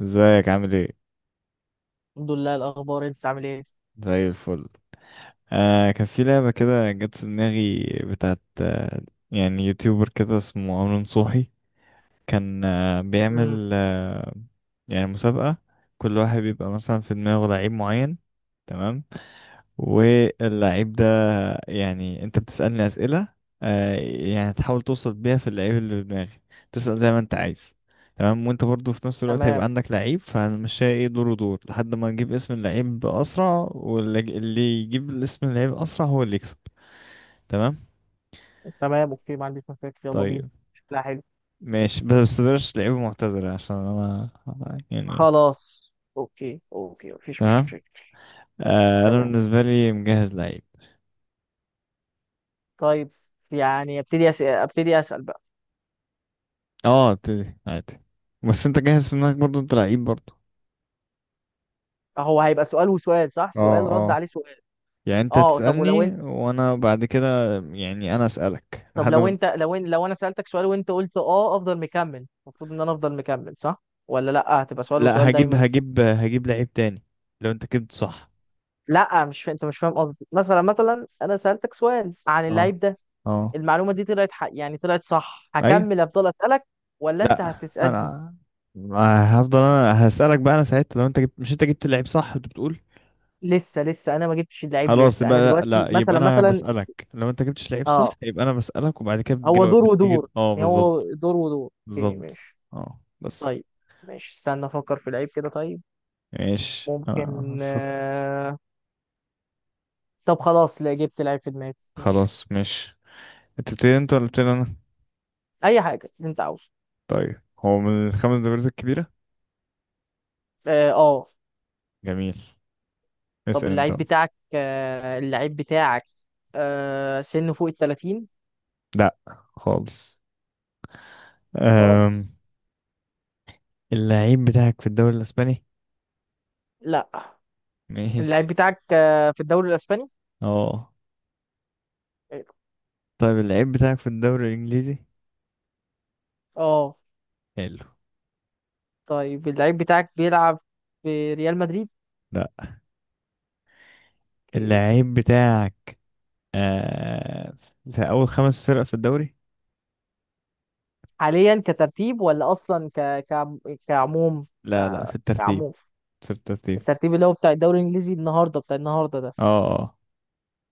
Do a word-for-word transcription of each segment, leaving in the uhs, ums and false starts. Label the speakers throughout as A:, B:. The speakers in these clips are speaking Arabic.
A: ازيك عامل ايه؟
B: الحمد لله، إيه الأخبار؟ أنت عامل إيه؟
A: زي الفل. آه كان في لعبة كده جت في دماغي بتاعت آه يعني يوتيوبر كده اسمه عمرو نصوحي. كان آه
B: مم.
A: بيعمل آه يعني مسابقة. كل واحد بيبقى مثلا في دماغه لعيب معين، تمام. واللعيب ده يعني انت بتسألني أسئلة، آه، يعني تحاول توصل بيها في اللعيب اللي في دماغي. تسأل زي ما انت عايز. تمام، وانت برضو في نفس الوقت هيبقى
B: تمام.
A: عندك لعيب، فهنمشيها ايه دور ودور لحد ما نجيب اسم اللعيب أسرع، واللي اللي يجيب اسم اللعيب أسرع هو اللي يكسب. تمام.
B: تمام أوكي، ما عنديش مشاكل، يلا بينا.
A: طيب
B: لا، حلو.
A: ماشي، بس بلاش لعيبة معتزلة عشان انا يعني.
B: خلاص أوكي، أوكي مفيش
A: تمام.
B: مشاكل.
A: آه، انا
B: تمام.
A: بالنسبة لي مجهز لعيب.
B: طيب، يعني أبتدي أسأل، أبتدي أسأل بقى.
A: اه ابتدي عادي، بس انت جاهز في دماغك برضو انت لعيب برضو.
B: هو هيبقى سؤال وسؤال صح؟ سؤال
A: اه
B: رد عليه
A: اه،
B: سؤال.
A: يعني انت
B: أه طب ولو
A: تسألني
B: أنت،
A: وانا بعد كده يعني انا أسألك
B: طب
A: لحد
B: لو
A: ما.
B: أنت لو إن... لو أنا سألتك سؤال وأنت قلت أه أفضل مكمل، المفروض إن أنا أفضل مكمل صح؟ ولا لأ، هتبقى سؤال
A: لا
B: وسؤال
A: هجيب
B: دايما.
A: هجيب هجيب لعيب تاني لو انت جبت صح.
B: لا، مش انت، مش فاهم قصدي. مثلا مثلا انا سالتك سؤال عن
A: اه
B: اللعيب ده.
A: اه.
B: المعلومه دي طلعت حق، يعني طلعت صح،
A: ايوه.
B: هكمل افضل اسالك ولا انت
A: لا،
B: هتسالني؟
A: انا ما هفضل، انا هسألك بقى، انا ساعتها لو انت جبت، مش انت جبت اللعيب صح انت بتقول.
B: لسه لسه انا ما جبتش اللعيب
A: خلاص
B: لسه،
A: يبقى
B: انا
A: لا
B: دلوقتي
A: لا، يبقى
B: مثلا،
A: انا
B: مثلا س-
A: بسألك لو انت جبتش لعيب
B: اه.
A: صح، يبقى انا بسألك وبعد كده
B: هو
A: بتجاوب
B: دور
A: بتيجي
B: ودور،
A: اه
B: يعني هو
A: بالظبط.
B: دور ودور. اوكي
A: بالظبط.
B: ماشي.
A: اه بس.
B: طيب ماشي، استنى افكر في لعيب كده. طيب
A: ماشي آه.
B: ممكن
A: فك-
B: آه... طب خلاص، لا جبت لعيب في دماغي، ماشي.
A: خلاص ماشي. انت بتبتدي انت ولا بتبتدي انا؟
B: اي حاجه انت عاوزه.
A: طيب، هو من الخمس دوريات الكبيرة؟
B: اه آه.
A: جميل.
B: طب
A: اسأل انت
B: اللعيب
A: بقى.
B: بتاعك، آه، اللعيب بتاعك آه، سنه فوق ال ثلاثين؟
A: لا، خالص. أم...
B: خالص.
A: اللعيب بتاعك في الدوري الأسباني؟
B: لا، اللعيب
A: ماشي.
B: بتاعك آه، في الدوري الاسباني؟
A: اه. طيب، اللعيب بتاعك في الدوري الإنجليزي؟
B: اه.
A: حلو.
B: طيب اللعيب بتاعك بيلعب في ريال مدريد؟
A: لا.
B: أوكي.
A: اللعيب بتاعك آه... في أول خمس فرق في الدوري؟
B: حاليا كترتيب ولا اصلا ك... ك... كعموم،
A: لا لا،
B: ك-
A: في الترتيب.
B: كعموم؟
A: في الترتيب.
B: الترتيب اللي هو بتاع الدوري الانجليزي النهارده، بتاع النهارده ده.
A: اه اه.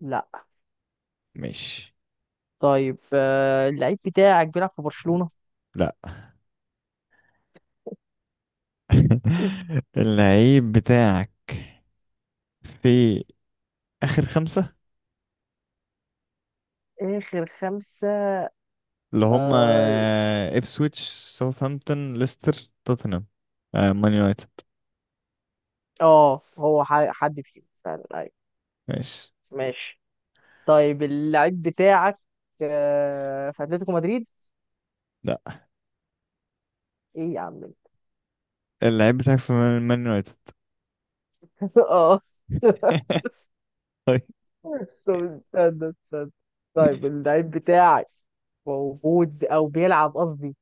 B: لا.
A: ماشي.
B: طيب آه، اللعيب بتاعك بيلعب في برشلونة؟
A: لا. اللعيب بتاعك في آخر خمسة،
B: اخر خمسة.
A: اللي هم
B: اه
A: آه، إبسويتش، ساوثهامبتون، ليستر، توتنهام، آه، مان يونايتد.
B: آه، هو ح- حد فيهم فعلا.
A: ماشي.
B: ماشي. طيب اللعيب بتاعك آه، في اتلتيكو مدريد؟
A: لا.
B: ايه يا عم،
A: اللعيب بتاعك في مان مان يونايتد.
B: انت؟ اه.
A: طيب.
B: طب استنى استنى. طيب اللعيب بتاعك موجود او بيلعب قصدي،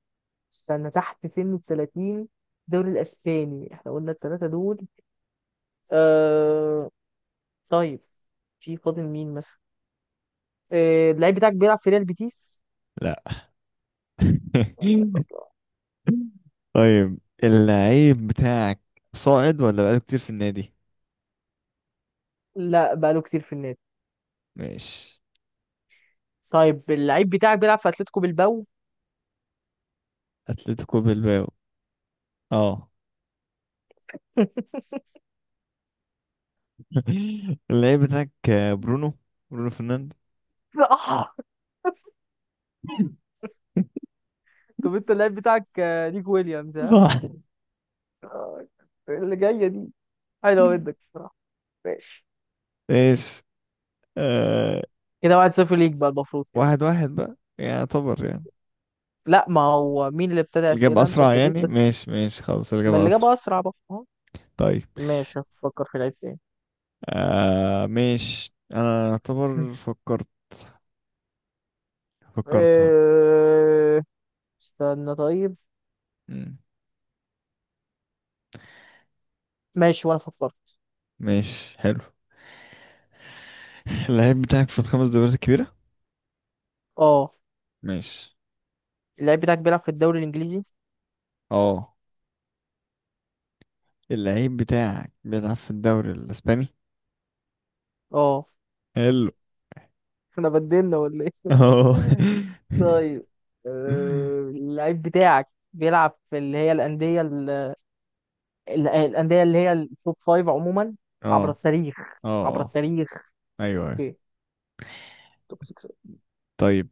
B: استنى، تحت سن ال ثلاثين، الدوري الاسباني احنا قلنا الثلاثه دول. آه... طيب في فاضل مين مثلا؟ آه... اللعيب بتاعك بيلعب في ريال بيتيس؟
A: لا. طيب. اللعيب بتاعك صاعد ولا بقاله كتير في النادي؟
B: لا، بقاله كتير في النادي.
A: ماشي.
B: طيب اللعيب بتاعك بيلعب في اتلتيكو بالباو؟
A: اتلتيكو بالباو. اه. اللعيب بتاعك آه، برونو، برونو فرنانديز.
B: طب انت اللعيب بتاعك آه، نيكو ويليامز، ها؟
A: صح.
B: آه، اللي جاية دي حلو منك بصراحة. ماشي.
A: ايش. آه.
B: كده واحد صفر ليك بقى المفروض كده.
A: واحد واحد بقى يعني يعتبر يعني
B: لا، ما هو مين اللي ابتدى
A: الإجابة
B: أسئلة؟ انت
A: أسرع
B: ابتديت
A: يعني.
B: بس.
A: ماشي ماشي خلاص،
B: ما
A: الإجابة
B: اللي جاب
A: أسرع.
B: أسرع بقى، اه.
A: طيب.
B: ماشي، هفكر في لعيب تاني.
A: آه ماشي، أنا
B: م.
A: أعتبر فكرت. فكرتها.
B: اه، استنى طيب.
A: مم.
B: ماشي وانا فكرت.
A: ماشي حلو. اللعيب بتاعك في الخمس دوريات الكبيرة؟
B: اه،
A: ماشي.
B: اللعيب بتاعك بيلعب في الدوري الإنجليزي.
A: اه. اللعيب بتاعك بيلعب في الدوري الإسباني؟
B: اه.
A: حلو.
B: احنا بدلنا ولا ايه؟
A: اه.
B: طيب، اه، اللعيب بتاعك بيلعب في اللي هي الأندية، ال- الأندية اللي هي التوب فايف عموما، عبر
A: اه
B: التاريخ،
A: اه
B: عبر
A: اه.
B: التاريخ.
A: أيوه أيوه.
B: اوكي، توب ستة؟
A: طيب.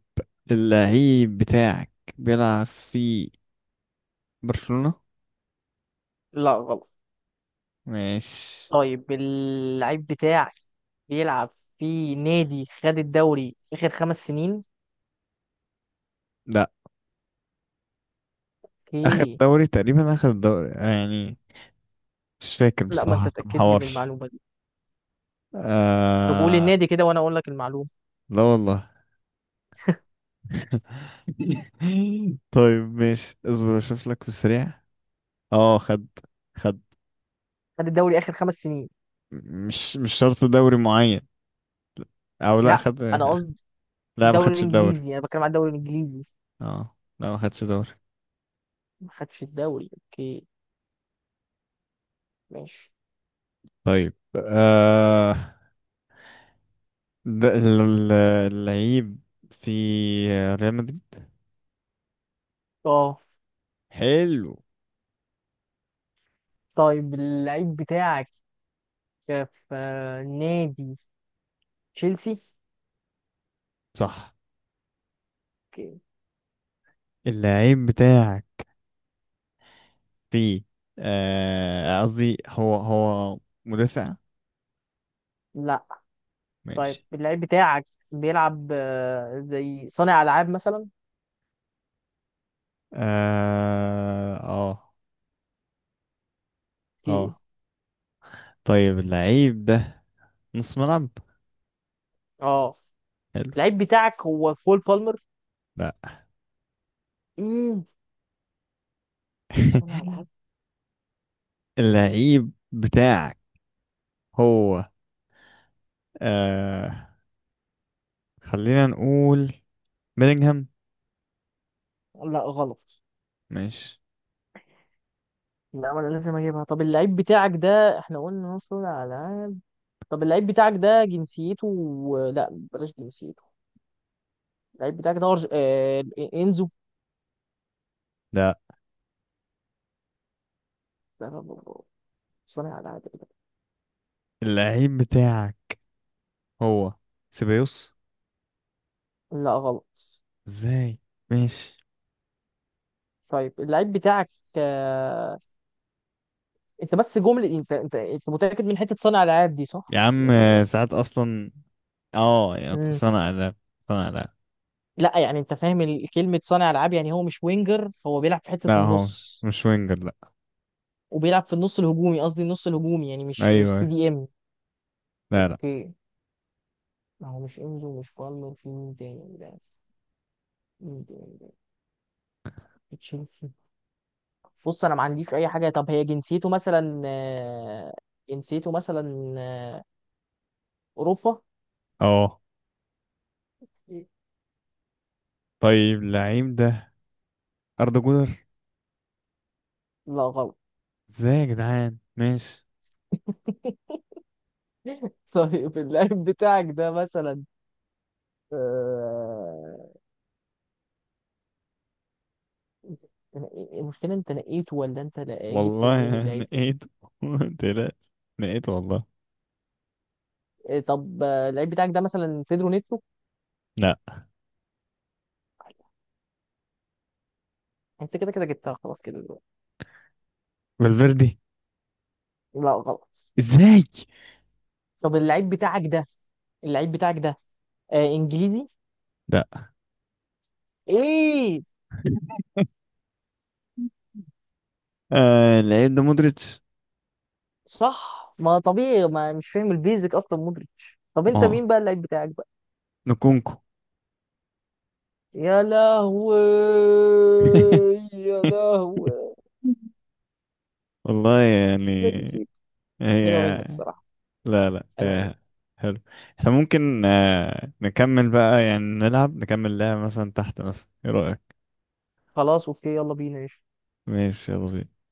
A: اللعيب بتاعك بيلعب في برشلونة؟
B: لا غلط.
A: ماشي.
B: طيب اللعيب بتاعك بيلعب في نادي خد الدوري آخر خمس سنين؟
A: لا. اخر
B: اوكي.
A: دوري تقريبا، اخر دوري يعني، مش فاكر
B: لا، ما انت
A: بصراحة ما
B: تأكد لي من
A: حورش.
B: المعلومة دي. طب قول
A: آه...
B: النادي كده وانا اقول لك المعلومة.
A: لا والله. طيب ماشي، اصبر اشوف لك في السريع. اه خد. خد.
B: خد الدوري آخر خمس سنين؟
A: مش مش شرط دوري معين. او لا
B: لا
A: خد.
B: انا قصدي
A: لا ما
B: الدوري
A: خدش الدوري.
B: الانجليزي، انا بتكلم عن الدوري الانجليزي.
A: اه لا ما خدش دوري.
B: ما خدش الدوري، اوكي ماشي.
A: طيب. آه... ده ال- ال- اللعيب في ريال مدريد.
B: اه.
A: حلو.
B: طيب اللعيب بتاعك في نادي تشيلسي؟
A: صح.
B: اوكي.
A: اللعيب بتاعك في آه، قصدي هو هو مدافع؟
B: لا. طيب
A: ماشي.
B: اللعيب بتاعك بيلعب آه، زي صانع العاب مثلا؟
A: اه اه.
B: اوكي
A: آه. طيب، اللعيب ده نص ملعب؟
B: اه.
A: حلو.
B: اللعيب بتاعك هو كول بالمر؟
A: لا.
B: امم صانع العاب.
A: اللعيب بتاعك هو آه خلينا نقول بيلينغهام.
B: لا غلط.
A: ماشي.
B: لا، ولا لازم اجيبها. طب اللعيب بتاعك ده احنا قلنا هو صانع العاب. طب اللعيب بتاعك ده جنسيته، لا بلاش جنسيته. اللعيب بتاعك ده أرج- آه، انزو؟
A: لا.
B: لا لا لا، لا، صانع العاب إيه ده؟
A: اللعيب بتاعك هو سيبايوس.
B: لا غلط.
A: ازاي. ماشي.
B: طيب اللعيب بتاعك، آه، انت بس جمله، انت انت انت متاكد من حته صانع العاب دي
A: يا
B: صح؟
A: عم
B: يعني هو
A: آه، ساعات اصلا. اه، يا
B: مم.
A: صنع لا. صنع لا.
B: لا يعني انت فاهم ال- كلمه صانع العاب، يعني هو مش وينجر، هو بيلعب في حته
A: لا، هو
B: النص،
A: مش وينجر، لا.
B: وبيلعب في النص الهجومي قصدي النص الهجومي، يعني مش مش سي
A: ايوه.
B: دي ام.
A: لا لا.
B: اوكي. ما هو مش انزو مش بالمر، في مين تاني ده؟ مين تاني ده في تشيلسي. بص انا ما عنديش اي حاجه. طب هي جنسيته مثلا، آه، جنسيته مثلا آه، اوروبا؟
A: اه. طيب، اللعيب ده اردا جولر.
B: لا غلط.
A: ازاي يا جدعان، ماشي.
B: طيب اللاعب بتاعك ده مثلا، المشكلة انت لقيته ولا انت لا- جبته منين
A: والله
B: اللعيب ده؟
A: نقيت. تلاش. نقيت والله.
B: إيه طب آه، اللعيب بتاعك ده مثلا بيدرو نيتو؟
A: لا.
B: انت كده كده جبتها خلاص كده دلوقتي.
A: فالفيردي.
B: لا غلط.
A: ازاي.
B: طب اللعيب بتاعك ده، اللعيب بتاعك ده آه، انجليزي؟
A: لا،
B: ايه.
A: آه العيب ده مودريتش.
B: صح، ما طبيعي، ما مش فاهم البيزك اصلا مودريتش. طب
A: ما
B: انت
A: هو
B: مين بقى اللعيب بتاعك بقى؟
A: نكونكو.
B: يا لهوي، يا لهوي.
A: والله
B: ده
A: يعني.
B: نسيت.
A: هي.
B: حلوة منك الصراحة،
A: لا لا
B: حلوة منك.
A: آه حلو. احنا ممكن آه نكمل بقى يعني نلعب نكمل لعبة مثلا تحت، مثلا ايه رأيك؟
B: خلاص اوكي، يلا بينا.
A: ماشي، يلا بينا.